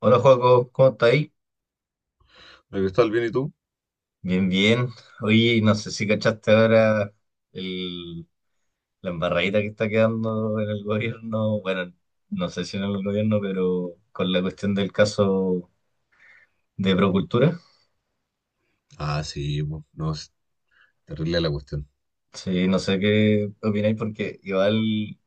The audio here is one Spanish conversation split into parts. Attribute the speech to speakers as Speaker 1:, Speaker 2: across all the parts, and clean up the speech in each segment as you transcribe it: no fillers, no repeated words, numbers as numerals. Speaker 1: Hola, Joaco, ¿cómo estás ahí?
Speaker 2: ¿Me gustó el bien y tú?
Speaker 1: Bien, bien. Oye, no sé si cachaste ahora el- la embarradita que está quedando en el gobierno. Bueno, no sé si en el gobierno, pero con la cuestión del caso de Procultura.
Speaker 2: Ah, sí, po, no, es terrible la cuestión.
Speaker 1: Sí, no sé qué opináis porque igual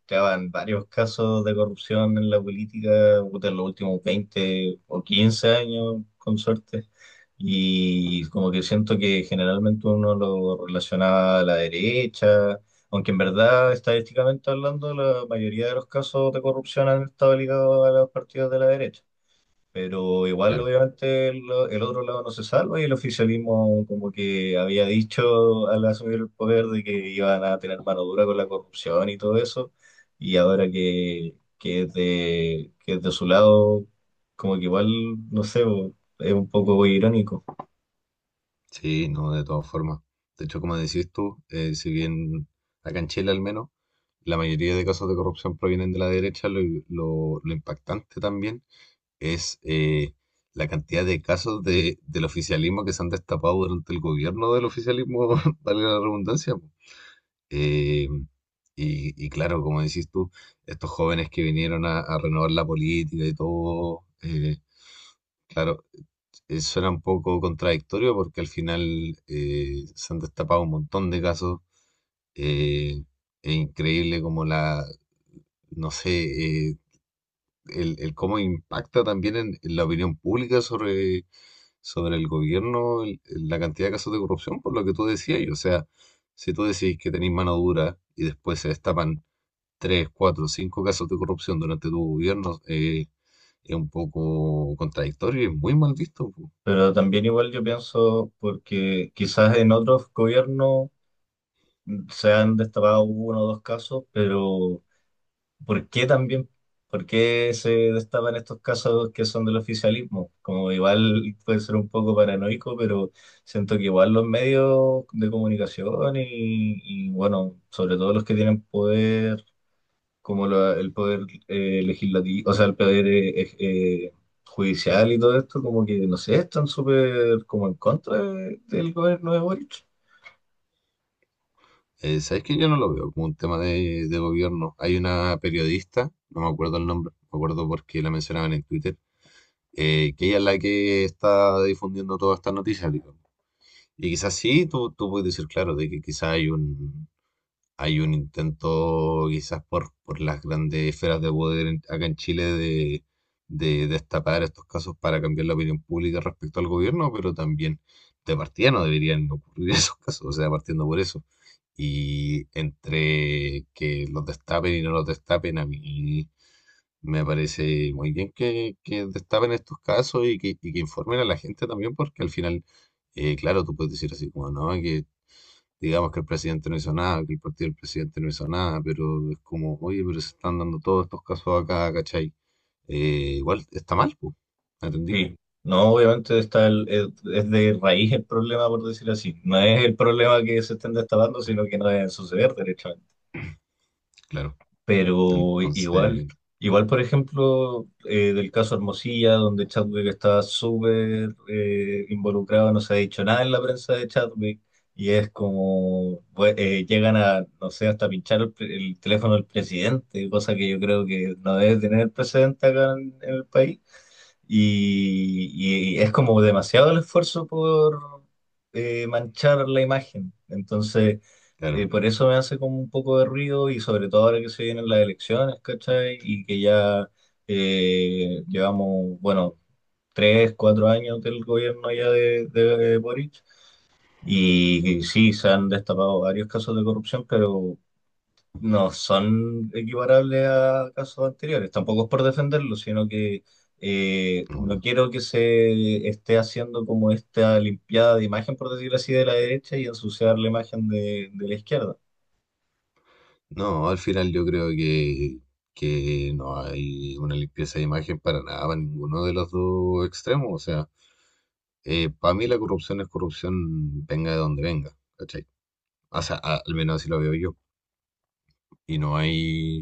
Speaker 1: ya van varios casos de corrupción en la política puta, en los últimos 20 o 15 años, con suerte. Y como que siento que generalmente uno lo relacionaba a la derecha, aunque en verdad, estadísticamente hablando, la mayoría de los casos de corrupción han estado ligados a los partidos de la derecha. Pero igual,
Speaker 2: Claro.
Speaker 1: obviamente, el otro lado no se salva y el oficialismo como que había dicho al asumir el poder de que iban a tener mano dura con la corrupción y todo eso. Y ahora que es de su lado, como que igual, no sé, bo, es un poco irónico.
Speaker 2: Sí, no, de todas formas. De hecho, como decís tú, si bien acá en Chile al menos, la mayoría de casos de corrupción provienen de la derecha, lo impactante también es la cantidad de casos del oficialismo que se han destapado durante el gobierno del oficialismo, vale la redundancia. Po. Eh, y claro, como decís tú, estos jóvenes que vinieron a renovar la política y todo, claro, suena un poco contradictorio porque al final se han destapado un montón de casos. eh, es increíble como no sé, eh, el cómo impacta también en la opinión pública sobre el gobierno el- la cantidad de casos de corrupción, por lo que tú decías. O sea, si tú decís que tenéis mano dura y después se destapan tres, cuatro, cinco casos de corrupción durante tu gobierno, es un poco contradictorio y es muy mal visto.
Speaker 1: Pero también igual yo pienso, porque quizás en otros gobiernos se han destapado uno o dos casos, pero ¿por qué también? ¿Por qué se destapan estos casos que son del oficialismo? Como igual puede ser un poco paranoico, pero siento que igual los medios de comunicación y, bueno, sobre todo los que tienen poder, como el poder legislativo, o sea, el poder judicial y todo esto, como que, no sé, están súper como en contra del gobierno de Boric.
Speaker 2: ¿Sabes? Que yo no lo veo como un tema de gobierno. Hay una periodista, no me acuerdo el nombre, me acuerdo porque la mencionaban en Twitter, que ella es la que está difundiendo todas estas noticias, digamos. Y quizás sí, tú puedes decir, claro, de que quizás hay hay un intento quizás por las grandes esferas de poder en- acá en Chile de destapar estos casos para cambiar la opinión pública respecto al gobierno, pero también de partida no deberían ocurrir esos casos, o sea, partiendo por eso. Y entre que los destapen y no los destapen, a mí me parece muy bien que destapen estos casos y que informen a la gente también, porque al final, claro, tú puedes decir así como, no, que digamos que el presidente no hizo nada, que el partido del presidente no hizo nada, pero es como, oye, pero se están dando todos estos casos acá, ¿cachai? Igual está mal, pues, ¿entendí?
Speaker 1: Sí, no, obviamente está es de raíz el problema, por decir así. No es el problema que se estén destapando, sino que no deben suceder derechamente.
Speaker 2: Claro.
Speaker 1: Pero igual,
Speaker 2: Entonces,
Speaker 1: igual por ejemplo, del caso Hermosilla, donde Chadwick está súper involucrado, no se ha dicho nada en la prensa de Chadwick, y es como, pues, llegan a, no sé, hasta pinchar el teléfono del presidente, cosa que yo creo que no debe tener precedente acá en el país y es como demasiado el esfuerzo por manchar la imagen. Entonces,
Speaker 2: claro,
Speaker 1: por eso me hace como un poco de ruido y sobre todo ahora que se vienen las elecciones, ¿cachai? Y que ya llevamos, bueno, 3, 4 años del gobierno ya de Boric. Y, sí, se han destapado varios casos de corrupción, pero no son equiparables a casos anteriores. Tampoco es por defenderlo, sino que no
Speaker 2: obvio.
Speaker 1: quiero que se esté haciendo como esta limpiada de imagen, por decirlo así, de la derecha y ensuciar la imagen de la izquierda.
Speaker 2: No, al final yo creo que no hay una limpieza de imagen para nada, para ninguno de los dos extremos. O sea, para mí la corrupción es corrupción, venga de donde venga, ¿cachai? O sea, a- al menos así lo veo yo. Y no hay,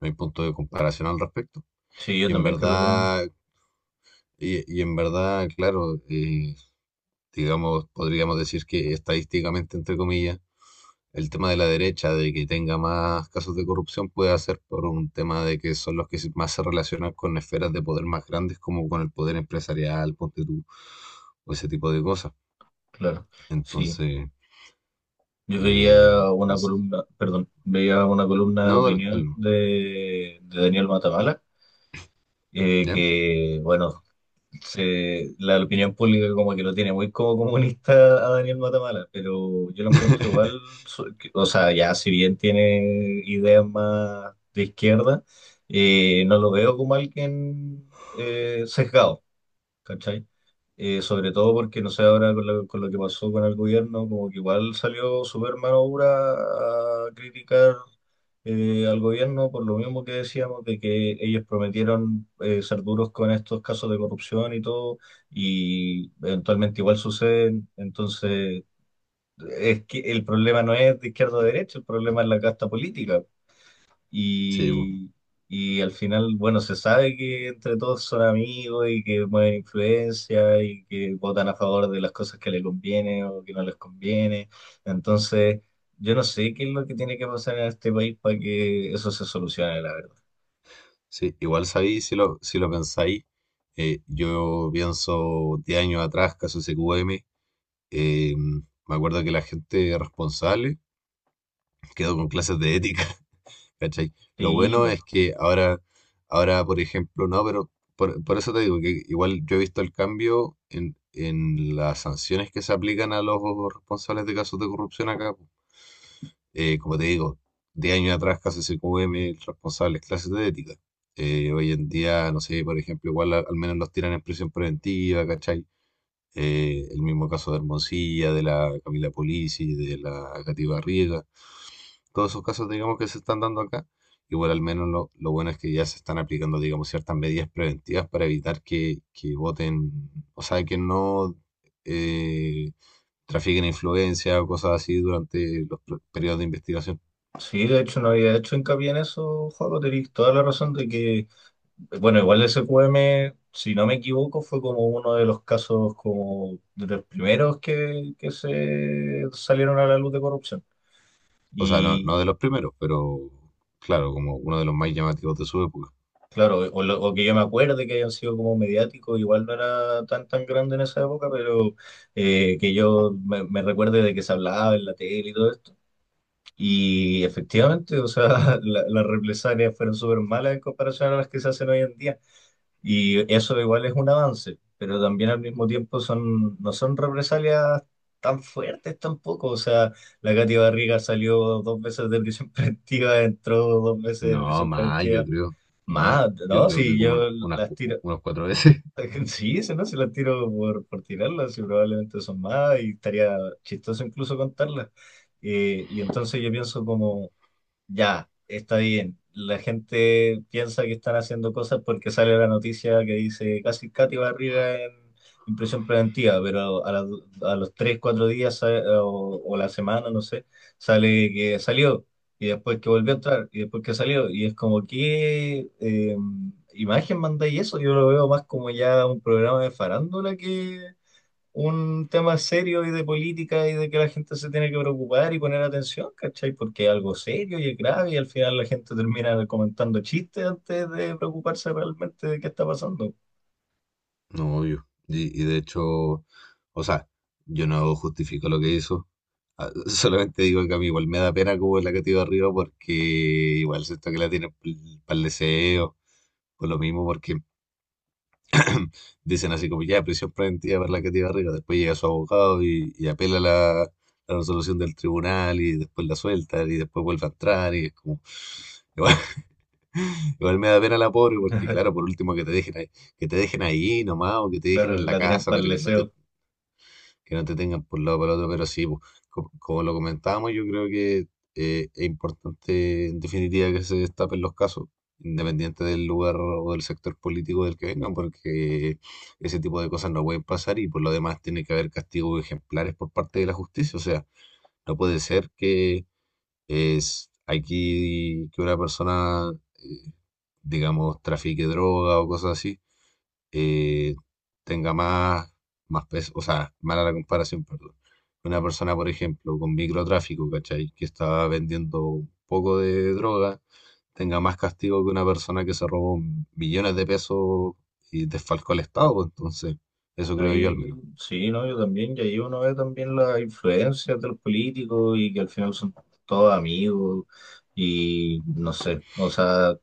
Speaker 2: no hay punto de comparación al respecto.
Speaker 1: Sí, yo
Speaker 2: Y en
Speaker 1: también creo lo mismo,
Speaker 2: verdad, y en verdad, claro, digamos, podríamos decir que estadísticamente, entre comillas, el tema de la derecha, de que tenga más casos de corrupción, puede ser por un tema de que son los que se- más se relacionan con esferas de poder más grandes, como con el poder empresarial, ponte tú, o ese tipo de cosas.
Speaker 1: claro. Sí,
Speaker 2: Entonces,
Speaker 1: yo veía una
Speaker 2: entonces,
Speaker 1: columna, perdón, veía una columna de
Speaker 2: no, dale, dale,
Speaker 1: opinión
Speaker 2: no,
Speaker 1: de Daniel Matamala,
Speaker 2: ¿ya?
Speaker 1: que, bueno, la opinión pública como que lo tiene muy como comunista a Daniel Matamala, pero yo lo encuentro igual, o sea, ya si bien tiene ideas más de izquierda, no lo veo como alguien sesgado. ¿Cachai? Sobre todo porque, no sé, ahora con lo que pasó con el gobierno, como que igual salió súper mano dura a criticar al gobierno por lo mismo que decíamos, de que ellos prometieron ser duros con estos casos de corrupción y todo, y eventualmente igual suceden. Entonces, es que el problema no es de izquierda o de derecha, el problema es la casta política,
Speaker 2: Sí, po.
Speaker 1: y, y al final, bueno, se sabe que entre todos son amigos y que mueven influencia y que votan a favor de las cosas que les conviene o que no les conviene. Entonces, yo no sé qué es lo que tiene que pasar en este país para que eso se solucione, la verdad.
Speaker 2: Sí, igual sabéis, si lo, si lo pensáis, yo pienso 10 años atrás, caso SQM. Eh, me acuerdo que la gente responsable quedó con clases de ética, ¿cachai? Lo
Speaker 1: Sí,
Speaker 2: bueno
Speaker 1: pues.
Speaker 2: es que ahora, ahora por ejemplo, no, pero por eso te digo que igual yo he visto el cambio en las sanciones que se aplican a los responsables de casos de corrupción acá. Como te digo, 10 años atrás casi se cubre responsables clases de ética. Hoy en día, no sé, por ejemplo, igual a- al menos los tiran en prisión preventiva, ¿cachai? El mismo caso de Hermosilla, de la Camila Polisi, de la Cati Barriga, todos esos casos, digamos, que se están dando acá. Igual al menos lo bueno es que ya se están aplicando, digamos, ciertas medidas preventivas para evitar que voten, o sea, que no eh, trafiquen influencia o cosas así durante los pr- periodos de investigación.
Speaker 1: Sí, de hecho no había hecho hincapié en eso, Juego, tenéis toda la razón de que, bueno, igual el SQM si no me equivoco, fue como uno de los casos como de los primeros que se salieron a la luz de corrupción.
Speaker 2: O sea, no,
Speaker 1: Y
Speaker 2: no de los primeros, pero claro, como uno de los más llamativos de su época.
Speaker 1: claro, o que yo me acuerde que hayan sido como mediáticos, igual no era tan tan grande en esa época, pero que yo me recuerde de que se hablaba en la tele y todo esto. Y efectivamente, o sea, las represalias fueron súper malas en comparación a las que se hacen hoy en día. Y eso igual es un avance, pero también al mismo tiempo no son represalias tan fuertes tampoco. O sea, la Katy Barriga salió dos veces de prisión preventiva, entró dos veces de
Speaker 2: No,
Speaker 1: prisión preventiva.
Speaker 2: más,
Speaker 1: Más,
Speaker 2: yo
Speaker 1: ¿no?
Speaker 2: creo que
Speaker 1: Si
Speaker 2: como
Speaker 1: yo
Speaker 2: una- unas,
Speaker 1: las
Speaker 2: cu-
Speaker 1: tiro.
Speaker 2: unas cuatro veces.
Speaker 1: Sí, si no, si las tiro por tirarlas, y probablemente son más, y estaría chistoso incluso contarlas. Y entonces yo pienso como ya, está bien. La gente piensa que están haciendo cosas porque sale la noticia que dice casi Katy Barriga en prisión preventiva, pero a los 3, 4 días o la semana, no sé, sale que salió y después que volvió a entrar y después que salió. Y es como, ¿qué imagen mandáis eso? Yo lo veo más como ya un programa de farándula un tema serio y de política y de que la gente se tiene que preocupar y poner atención, ¿cachai? Porque es algo serio y es grave y al final la gente termina comentando chistes antes de preocuparse realmente de qué está pasando.
Speaker 2: No, obvio. Y de hecho, o sea, yo no justifico lo que hizo. Ah, solamente digo que a mí igual me da pena como la que tiró arriba porque igual siento que la tiene para el deseo. Por lo mismo, porque dicen así como ya, prisión preventiva para la que tiró arriba. Después llega su abogado y apela la resolución del tribunal y después la suelta y después vuelve a entrar. Y es como, igual, igual me da pena la pobre porque, claro, por último que te dejen ahí, que te dejen ahí nomás o que te dejen
Speaker 1: Claro,
Speaker 2: en la
Speaker 1: la tienen
Speaker 2: casa,
Speaker 1: para el
Speaker 2: pero
Speaker 1: deseo.
Speaker 2: que no te tengan por un lado o para el otro, pero sí, pues, co- como lo comentábamos, yo creo que es importante en definitiva que se destapen los casos, independiente del lugar o del sector político del que vengan, porque ese tipo de cosas no pueden pasar y por lo demás tiene que haber castigos ejemplares por parte de la justicia, o sea, no puede ser que es aquí que una persona, digamos, trafique droga o cosas así eh, tenga más peso, o sea, mala la comparación, perdón. Una persona, por ejemplo, con microtráfico, ¿cachai? Que estaba vendiendo un poco de droga, tenga más castigo que una persona que se robó millones de pesos y desfalcó al Estado, pues, entonces, eso creo yo al
Speaker 1: Ahí
Speaker 2: menos.
Speaker 1: sí, ¿no? Yo también, y ahí uno ve también las influencias de los políticos y que al final son todos amigos y no sé, o sea,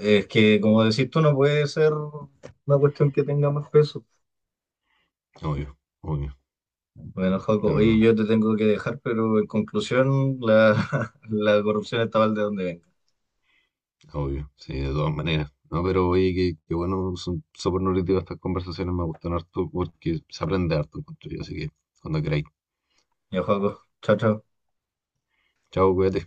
Speaker 1: es que como decís tú, no puede ser una cuestión que tenga más peso.
Speaker 2: Obvio, obvio,
Speaker 1: Bueno, Joaco,
Speaker 2: pero
Speaker 1: oye,
Speaker 2: no,
Speaker 1: yo te tengo que dejar, pero en conclusión, la, la corrupción está mal de donde venga.
Speaker 2: obvio, sí, de todas maneras. No, pero oye, que bueno, son súper nutritivas estas conversaciones, me gustan harto porque se aprende harto, encuentro yo, así que cuando queráis.
Speaker 1: Ya, Joaco, chao, chao.
Speaker 2: Chao, cuídate.